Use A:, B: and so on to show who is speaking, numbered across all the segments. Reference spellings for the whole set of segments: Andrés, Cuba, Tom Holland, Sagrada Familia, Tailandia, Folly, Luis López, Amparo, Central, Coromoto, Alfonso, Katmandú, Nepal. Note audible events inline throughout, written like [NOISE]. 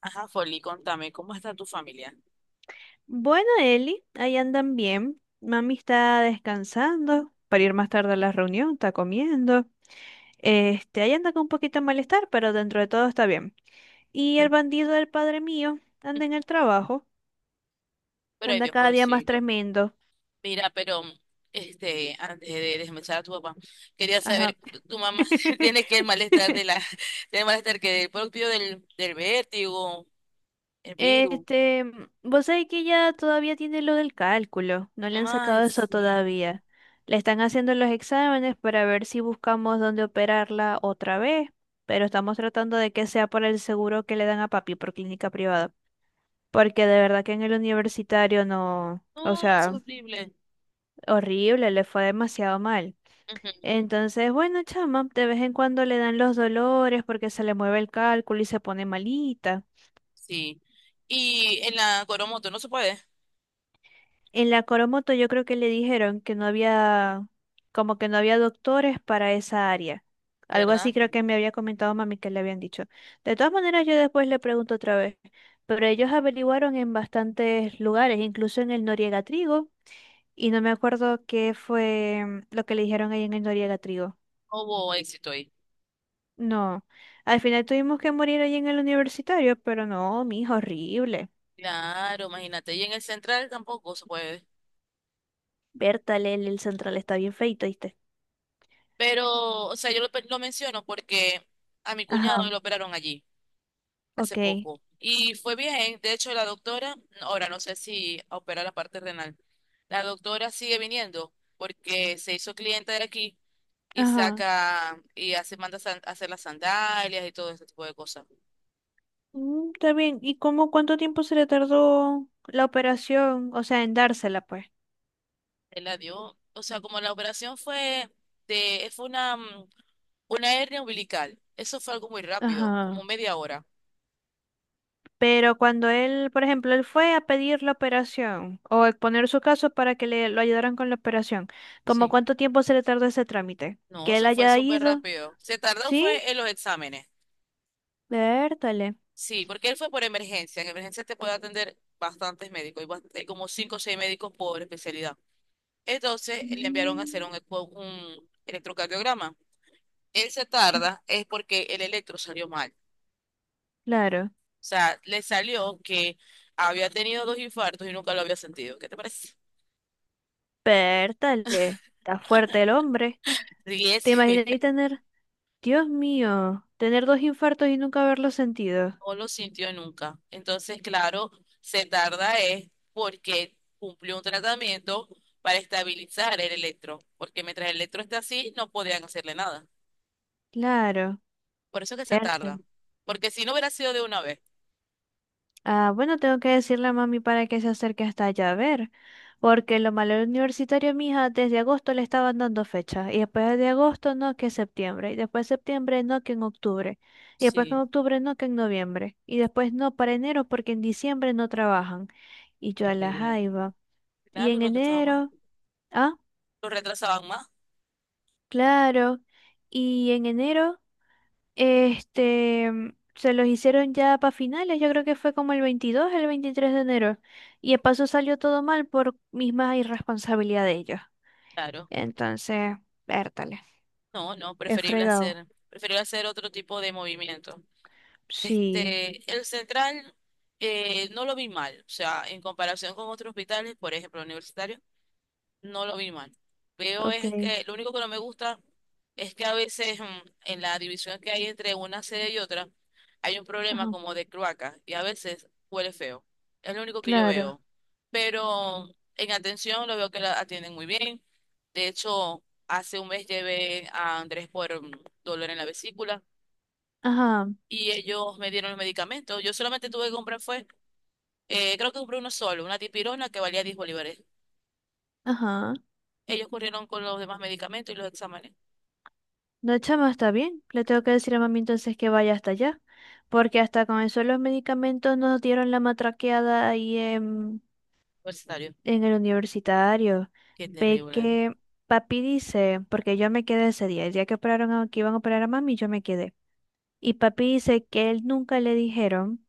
A: Ajá, Folly, contame, ¿cómo está tu familia?
B: Bueno, Eli, ahí andan bien. Mami está descansando para ir
A: Mm.
B: más tarde a la reunión, está comiendo. Este, ahí anda con un poquito de malestar, pero dentro de todo está bien. Y el
A: Pues,
B: bandido del padre mío anda en el trabajo,
A: pero ay
B: anda
A: Dios,
B: cada día más
A: pobrecito.
B: tremendo.
A: Mira, pero este, antes de desmechar a tu papá, quería
B: Ajá.
A: saber, tu mamá [LAUGHS] tiene que el malestar de la,
B: [LAUGHS]
A: tiene el malestar que el propio del vértigo, el virus.
B: Este, vos sabés que ella todavía tiene lo del cálculo, no le han
A: Ay,
B: sacado eso
A: sí.
B: todavía. Le están haciendo los exámenes para ver si buscamos dónde operarla otra vez, pero estamos tratando de que sea por el seguro que le dan a papi por clínica privada, porque de verdad que en el universitario no, o
A: No, es
B: sea,
A: horrible.
B: horrible, le fue demasiado mal.
A: Ujú,
B: Entonces, bueno, chama, de vez en cuando le dan los dolores porque se le mueve el cálculo y se pone malita.
A: sí. Y en la Coromoto no se puede,
B: En la Coromoto yo creo que le dijeron que no había, como que no había doctores para esa área. Algo así
A: ¿verdad?
B: creo que me había comentado mami que le habían dicho. De todas maneras, yo después le pregunto otra vez, pero ellos averiguaron en bastantes lugares, incluso en el Noriega Trigo, y no me acuerdo qué fue lo que le dijeron ahí en el Noriega Trigo.
A: No hubo éxito ahí.
B: No, al final tuvimos que morir ahí en el universitario, pero no, mi hijo, horrible.
A: Claro, imagínate. Y en el Central tampoco se puede.
B: Berta, el central está bien feito, ¿viste?
A: Pero, o sea, yo lo menciono porque a mi cuñado
B: Ajá,
A: lo operaron allí hace
B: ok.
A: poco y fue bien. De hecho, la doctora, ahora no sé si opera la parte renal, la doctora sigue viniendo porque se hizo cliente de aquí y
B: Ajá.
A: saca y hace, manda hacer las sandalias y todo ese tipo de cosas.
B: Mm. Está bien. ¿Y cómo cuánto tiempo se le tardó la operación? O sea, en dársela, pues.
A: Él la dio, o sea, como la operación fue fue una hernia umbilical. Eso fue algo muy rápido, como
B: Ajá.
A: media hora.
B: Pero cuando él, por ejemplo, él fue a pedir la operación o a exponer su caso para que le lo ayudaran con la operación, ¿cómo
A: Sí.
B: cuánto tiempo se le tardó ese trámite?
A: No,
B: Que él
A: eso fue
B: haya
A: súper
B: ido,
A: rápido. Se tardó
B: ¿sí?
A: fue en los exámenes.
B: Vértale.
A: Sí, porque él fue por emergencia. En emergencia te puede atender bastantes médicos, y hay como cinco o seis médicos por especialidad. Entonces le enviaron a hacer
B: Mm.
A: un electrocardiograma. Él se tarda es porque el electro salió mal.
B: Claro,
A: O sea, le salió que había tenido dos infartos y nunca lo había sentido. ¿Qué te parece?
B: vértale. Está fuerte el hombre.
A: Ríes.
B: ¿Te imaginas ahí
A: [LAUGHS]
B: tener, Dios mío, tener dos infartos y nunca haberlo sentido?
A: No lo sintió nunca. Entonces, claro, se tarda es porque cumplió un tratamiento para estabilizar el electro, porque mientras el electro está así, no podían hacerle nada.
B: Claro,
A: Por eso que se tarda,
B: vértale.
A: porque si no hubiera sido de una vez.
B: Ah, bueno, tengo que decirle a mami para que se acerque hasta allá a ver, porque lo malo del universitario, mija, desde agosto le estaban dando fecha, y después de agosto no, que septiembre, y después septiembre no, que en octubre, y después que
A: Sí,
B: en octubre no, que en noviembre, y después no para enero porque en diciembre no trabajan, y yo
A: qué
B: a la
A: horrible.
B: jaiba, y
A: Claro,
B: en
A: lo retrasaban
B: enero,
A: más.
B: ah,
A: Lo retrasaban más,
B: claro, y en enero. Este, se los hicieron ya para finales, yo creo que fue como el 22, el 23 de enero. Y de paso salió todo mal por misma irresponsabilidad de ellos.
A: claro.
B: Entonces, vértale,
A: No, no,
B: es fregado.
A: preferible hacer otro tipo de movimiento.
B: Sí,
A: Este, el Central no lo vi mal, o sea, en comparación con otros hospitales, por ejemplo, universitarios, no lo vi mal. Veo
B: ok,
A: es que lo único que no me gusta es que a veces en la división que hay entre una sede y otra hay un problema
B: ajá,
A: como de cloaca y a veces huele feo. Es lo único que yo
B: claro,
A: veo. Pero en atención lo veo que la atienden muy bien. De hecho, hace un mes llevé a Andrés por dolor en la vesícula
B: ajá,
A: y ellos me dieron los medicamentos. Yo solamente tuve que comprar fue, creo que compré uno solo, una dipirona que valía 10 bolívares.
B: ajá.
A: Ellos corrieron con los demás medicamentos y los exámenes.
B: No, chama, está bien. Le tengo que decir a mami entonces que vaya hasta allá. Porque hasta con eso los medicamentos nos dieron la matraqueada ahí
A: Universitario.
B: en el universitario,
A: Qué
B: ve
A: terrible.
B: que papi dice, porque yo me quedé ese día, el día que operaron a, que iban a operar a mami, yo me quedé. Y papi dice que él nunca le dijeron,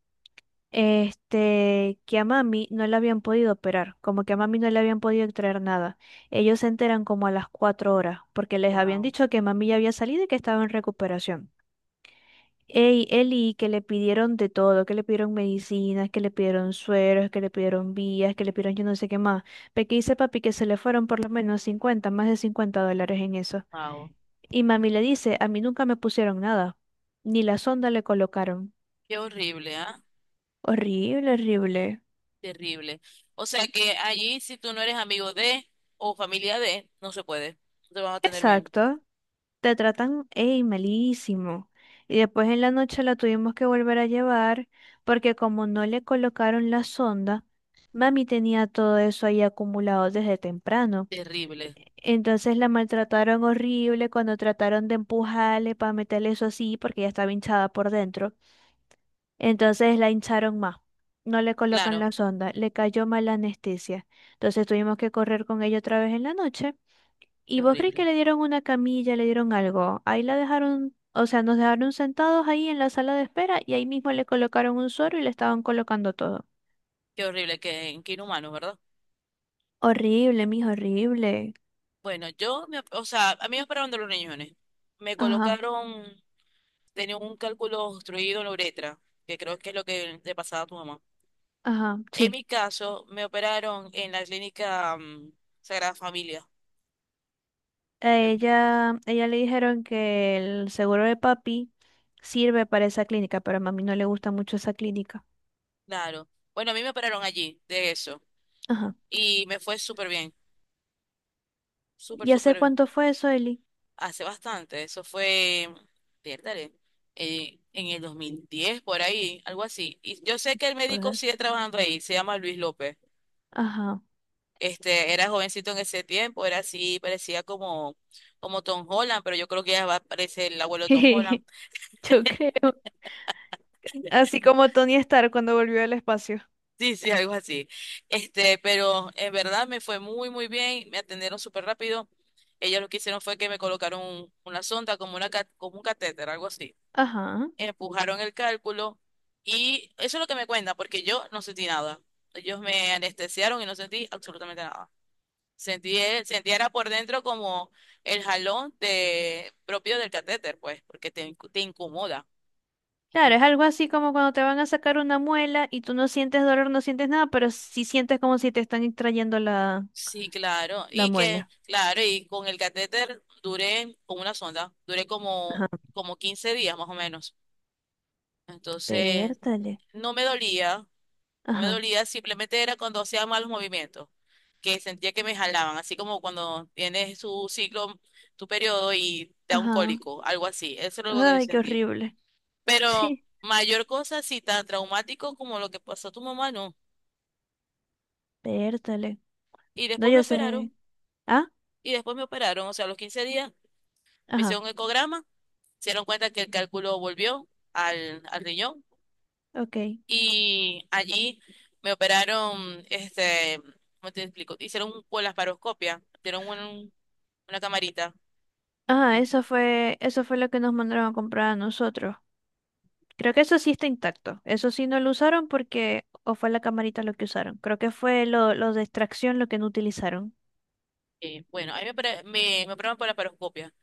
B: este, que a mami no le habían podido operar, como que a mami no le habían podido extraer nada. Ellos se enteran como a las 4 horas, porque les habían
A: Wow,
B: dicho que mami ya había salido y que estaba en recuperación. Ey, Eli, que le pidieron de todo, que le pidieron medicinas, que le pidieron sueros, que le pidieron vías, que le pidieron yo no sé qué más. Pero que dice papi que se le fueron por lo menos 50, más de $50 en eso.
A: wow.
B: Y mami le dice, a mí nunca me pusieron nada, ni la sonda le colocaron.
A: Qué horrible, ¿ah?
B: Horrible, horrible.
A: Terrible. O sea que allí, si tú no eres amigo de o familia de, no se puede. No te van a tener bien.
B: Exacto. Te tratan, ey, malísimo. Y después en la noche la tuvimos que volver a llevar porque como no le colocaron la sonda, mami tenía todo eso ahí acumulado desde temprano.
A: Terrible.
B: Entonces la maltrataron horrible cuando trataron de empujarle para meterle eso así porque ya estaba hinchada por dentro. Entonces la hincharon más. No le colocan
A: Claro,
B: la sonda, le cayó mal la anestesia. Entonces tuvimos que correr con ella otra vez en la noche. ¿Y
A: qué
B: vos crees que
A: horrible.
B: le dieron una camilla, le dieron algo? Ahí la dejaron, o sea, nos dejaron sentados ahí en la sala de espera y ahí mismo le colocaron un suero y le estaban colocando todo.
A: Qué horrible, qué, qué inhumano, ¿verdad?
B: Horrible, mijo, horrible.
A: Bueno, o sea, a mí me operaron de los riñones. Me
B: Ajá,
A: colocaron, tenía un cálculo obstruido en la uretra, que creo que es lo que le pasaba a tu mamá.
B: ajá,
A: En
B: sí.
A: mi caso, me operaron en la clínica Sagrada Familia.
B: A ella le dijeron que el seguro de papi sirve para esa clínica, pero a mami no le gusta mucho esa clínica.
A: Claro. Bueno, a mí me operaron allí de eso
B: Ajá.
A: y me fue súper bien, súper,
B: ¿Ya
A: súper
B: sé
A: bien.
B: cuánto fue eso, Eli?
A: Hace bastante, eso fue, piérdale, en el 2010 por ahí, algo así. Y yo sé que el médico
B: Pues,
A: sigue trabajando ahí, se llama Luis López.
B: ajá.
A: Este, era jovencito en ese tiempo, era así, parecía como Tom Holland, pero yo creo que ya va a parecer el abuelo de Tom Holland.
B: [LAUGHS] Yo creo. Así como Tony Stark cuando volvió al espacio.
A: Sí, sí, algo así. Este, pero en verdad me fue muy, muy bien, me atendieron súper rápido. Ellos lo que hicieron fue que me colocaron una sonda como como un catéter, algo así.
B: Ajá.
A: Empujaron el cálculo y eso es lo que me cuenta, porque yo no sentí nada. Ellos me anestesiaron y no sentí absolutamente nada. Sentí, sentí era por dentro como el jalón propio del catéter, pues, porque te incomoda.
B: Claro, es algo así como cuando te van a sacar una muela y tú no sientes dolor, no sientes nada, pero sí sientes como si te están extrayendo la,
A: Sí, claro.
B: la
A: Y que,
B: muela.
A: claro, y con el catéter duré, con una sonda, duré
B: Ajá,
A: como 15 días más o menos. Entonces,
B: pértale.
A: no me dolía, no me
B: Ajá,
A: dolía, simplemente era cuando hacía malos movimientos, que sentía que me jalaban, así como cuando tienes tu ciclo, tu periodo y te da un
B: ajá.
A: cólico, algo así. Eso es lo que yo
B: Ay, qué
A: sentía.
B: horrible. [LAUGHS]
A: Pero
B: Sí,
A: mayor cosa, sí, tan traumático como lo que pasó a tu mamá, no.
B: pértale.
A: Y
B: No,
A: después me
B: yo sé.
A: operaron,
B: Ah,
A: y después me operaron, o sea, a los 15 días me
B: ajá,
A: hicieron un ecograma. Se dieron cuenta que el cálculo volvió al riñón
B: ok.
A: y allí me operaron, este, ¿cómo te explico? Con la paroscopia, una camarita.
B: Ajá,
A: Sí.
B: eso fue lo que nos mandaron a comprar a nosotros. Creo que eso sí está intacto. Eso sí no lo usaron porque, o fue la camarita lo que usaron. Creo que fue lo de extracción lo que no utilizaron.
A: Bueno, ahí me operaron por la paroscopia.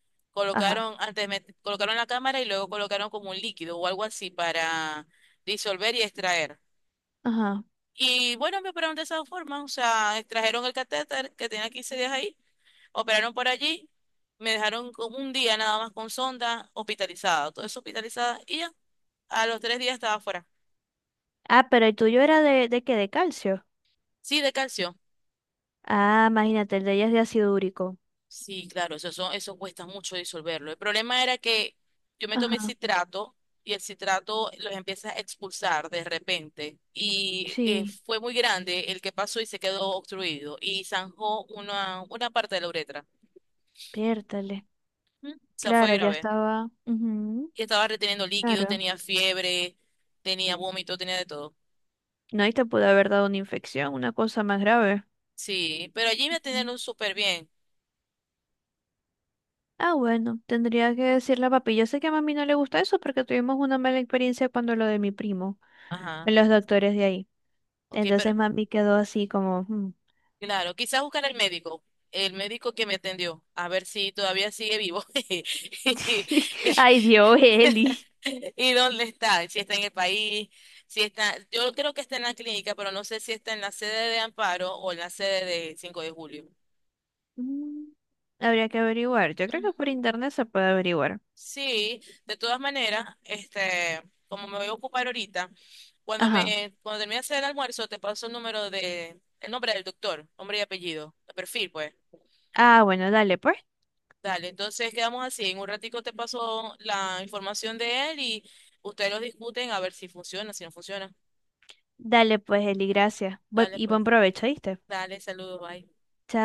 B: Ajá,
A: Colocaron, antes me colocaron la cámara y luego colocaron como un líquido o algo así para disolver y extraer.
B: ajá.
A: Y bueno, me operaron de esa forma, o sea, extrajeron el catéter que tenía 15 días ahí, operaron por allí, me dejaron con un día nada más con sonda, hospitalizada, todo eso hospitalizada, y ya, a los 3 días estaba fuera.
B: Ah, pero el tuyo era de qué, de calcio.
A: Sí, de calcio.
B: Ah, imagínate, el de ella es de ácido úrico.
A: Sí, claro, eso, eso cuesta mucho disolverlo. El problema era que yo me tomé
B: Ajá,
A: citrato y el citrato los empieza a expulsar de repente. Y
B: sí.
A: fue muy grande el que pasó y se quedó obstruido y zanjó una parte de la uretra.
B: Piértale.
A: Ujú. O sea, fue
B: Claro, ya
A: grave.
B: estaba. Ujú,
A: Y estaba reteniendo líquido,
B: claro.
A: tenía fiebre, tenía vómito, tenía de todo.
B: No, y te pudo haber dado una infección, una cosa más grave.
A: Sí, pero allí me
B: Ujú.
A: atendieron súper bien.
B: Ah, bueno, tendría que decirle a papi. Yo sé que a mami no le gusta eso porque tuvimos una mala experiencia cuando lo de mi primo,
A: Ajá.
B: en los doctores de ahí.
A: Ok, pero
B: Entonces mami quedó así como, "Mm.
A: claro, quizás buscar al médico, el médico que me atendió, a ver si todavía sigue vivo. [LAUGHS]
B: [LAUGHS] Ay, Dios, Eli.
A: ¿Y dónde está? Si está en el país, si está, yo creo que está en la clínica, pero no sé si está en la sede de Amparo o en la sede de 5 de Julio.
B: mm, Habría que averiguar. Yo creo que
A: Ujú.
B: por internet se puede averiguar.
A: Sí, de todas maneras, este, como me voy a ocupar ahorita,
B: Ajá.
A: cuando termine de hacer el almuerzo, te paso el nombre del doctor, nombre y apellido, el perfil, pues.
B: Ah, bueno, dale pues.
A: Dale, entonces quedamos así. En un ratico te paso la información de él y ustedes lo discuten a ver si funciona, si no funciona.
B: Dale pues, Eli, gracias. Bu-
A: Dale,
B: Y
A: pues,
B: buen provecho, ¿viste?
A: dale, saludos, bye.
B: Chao.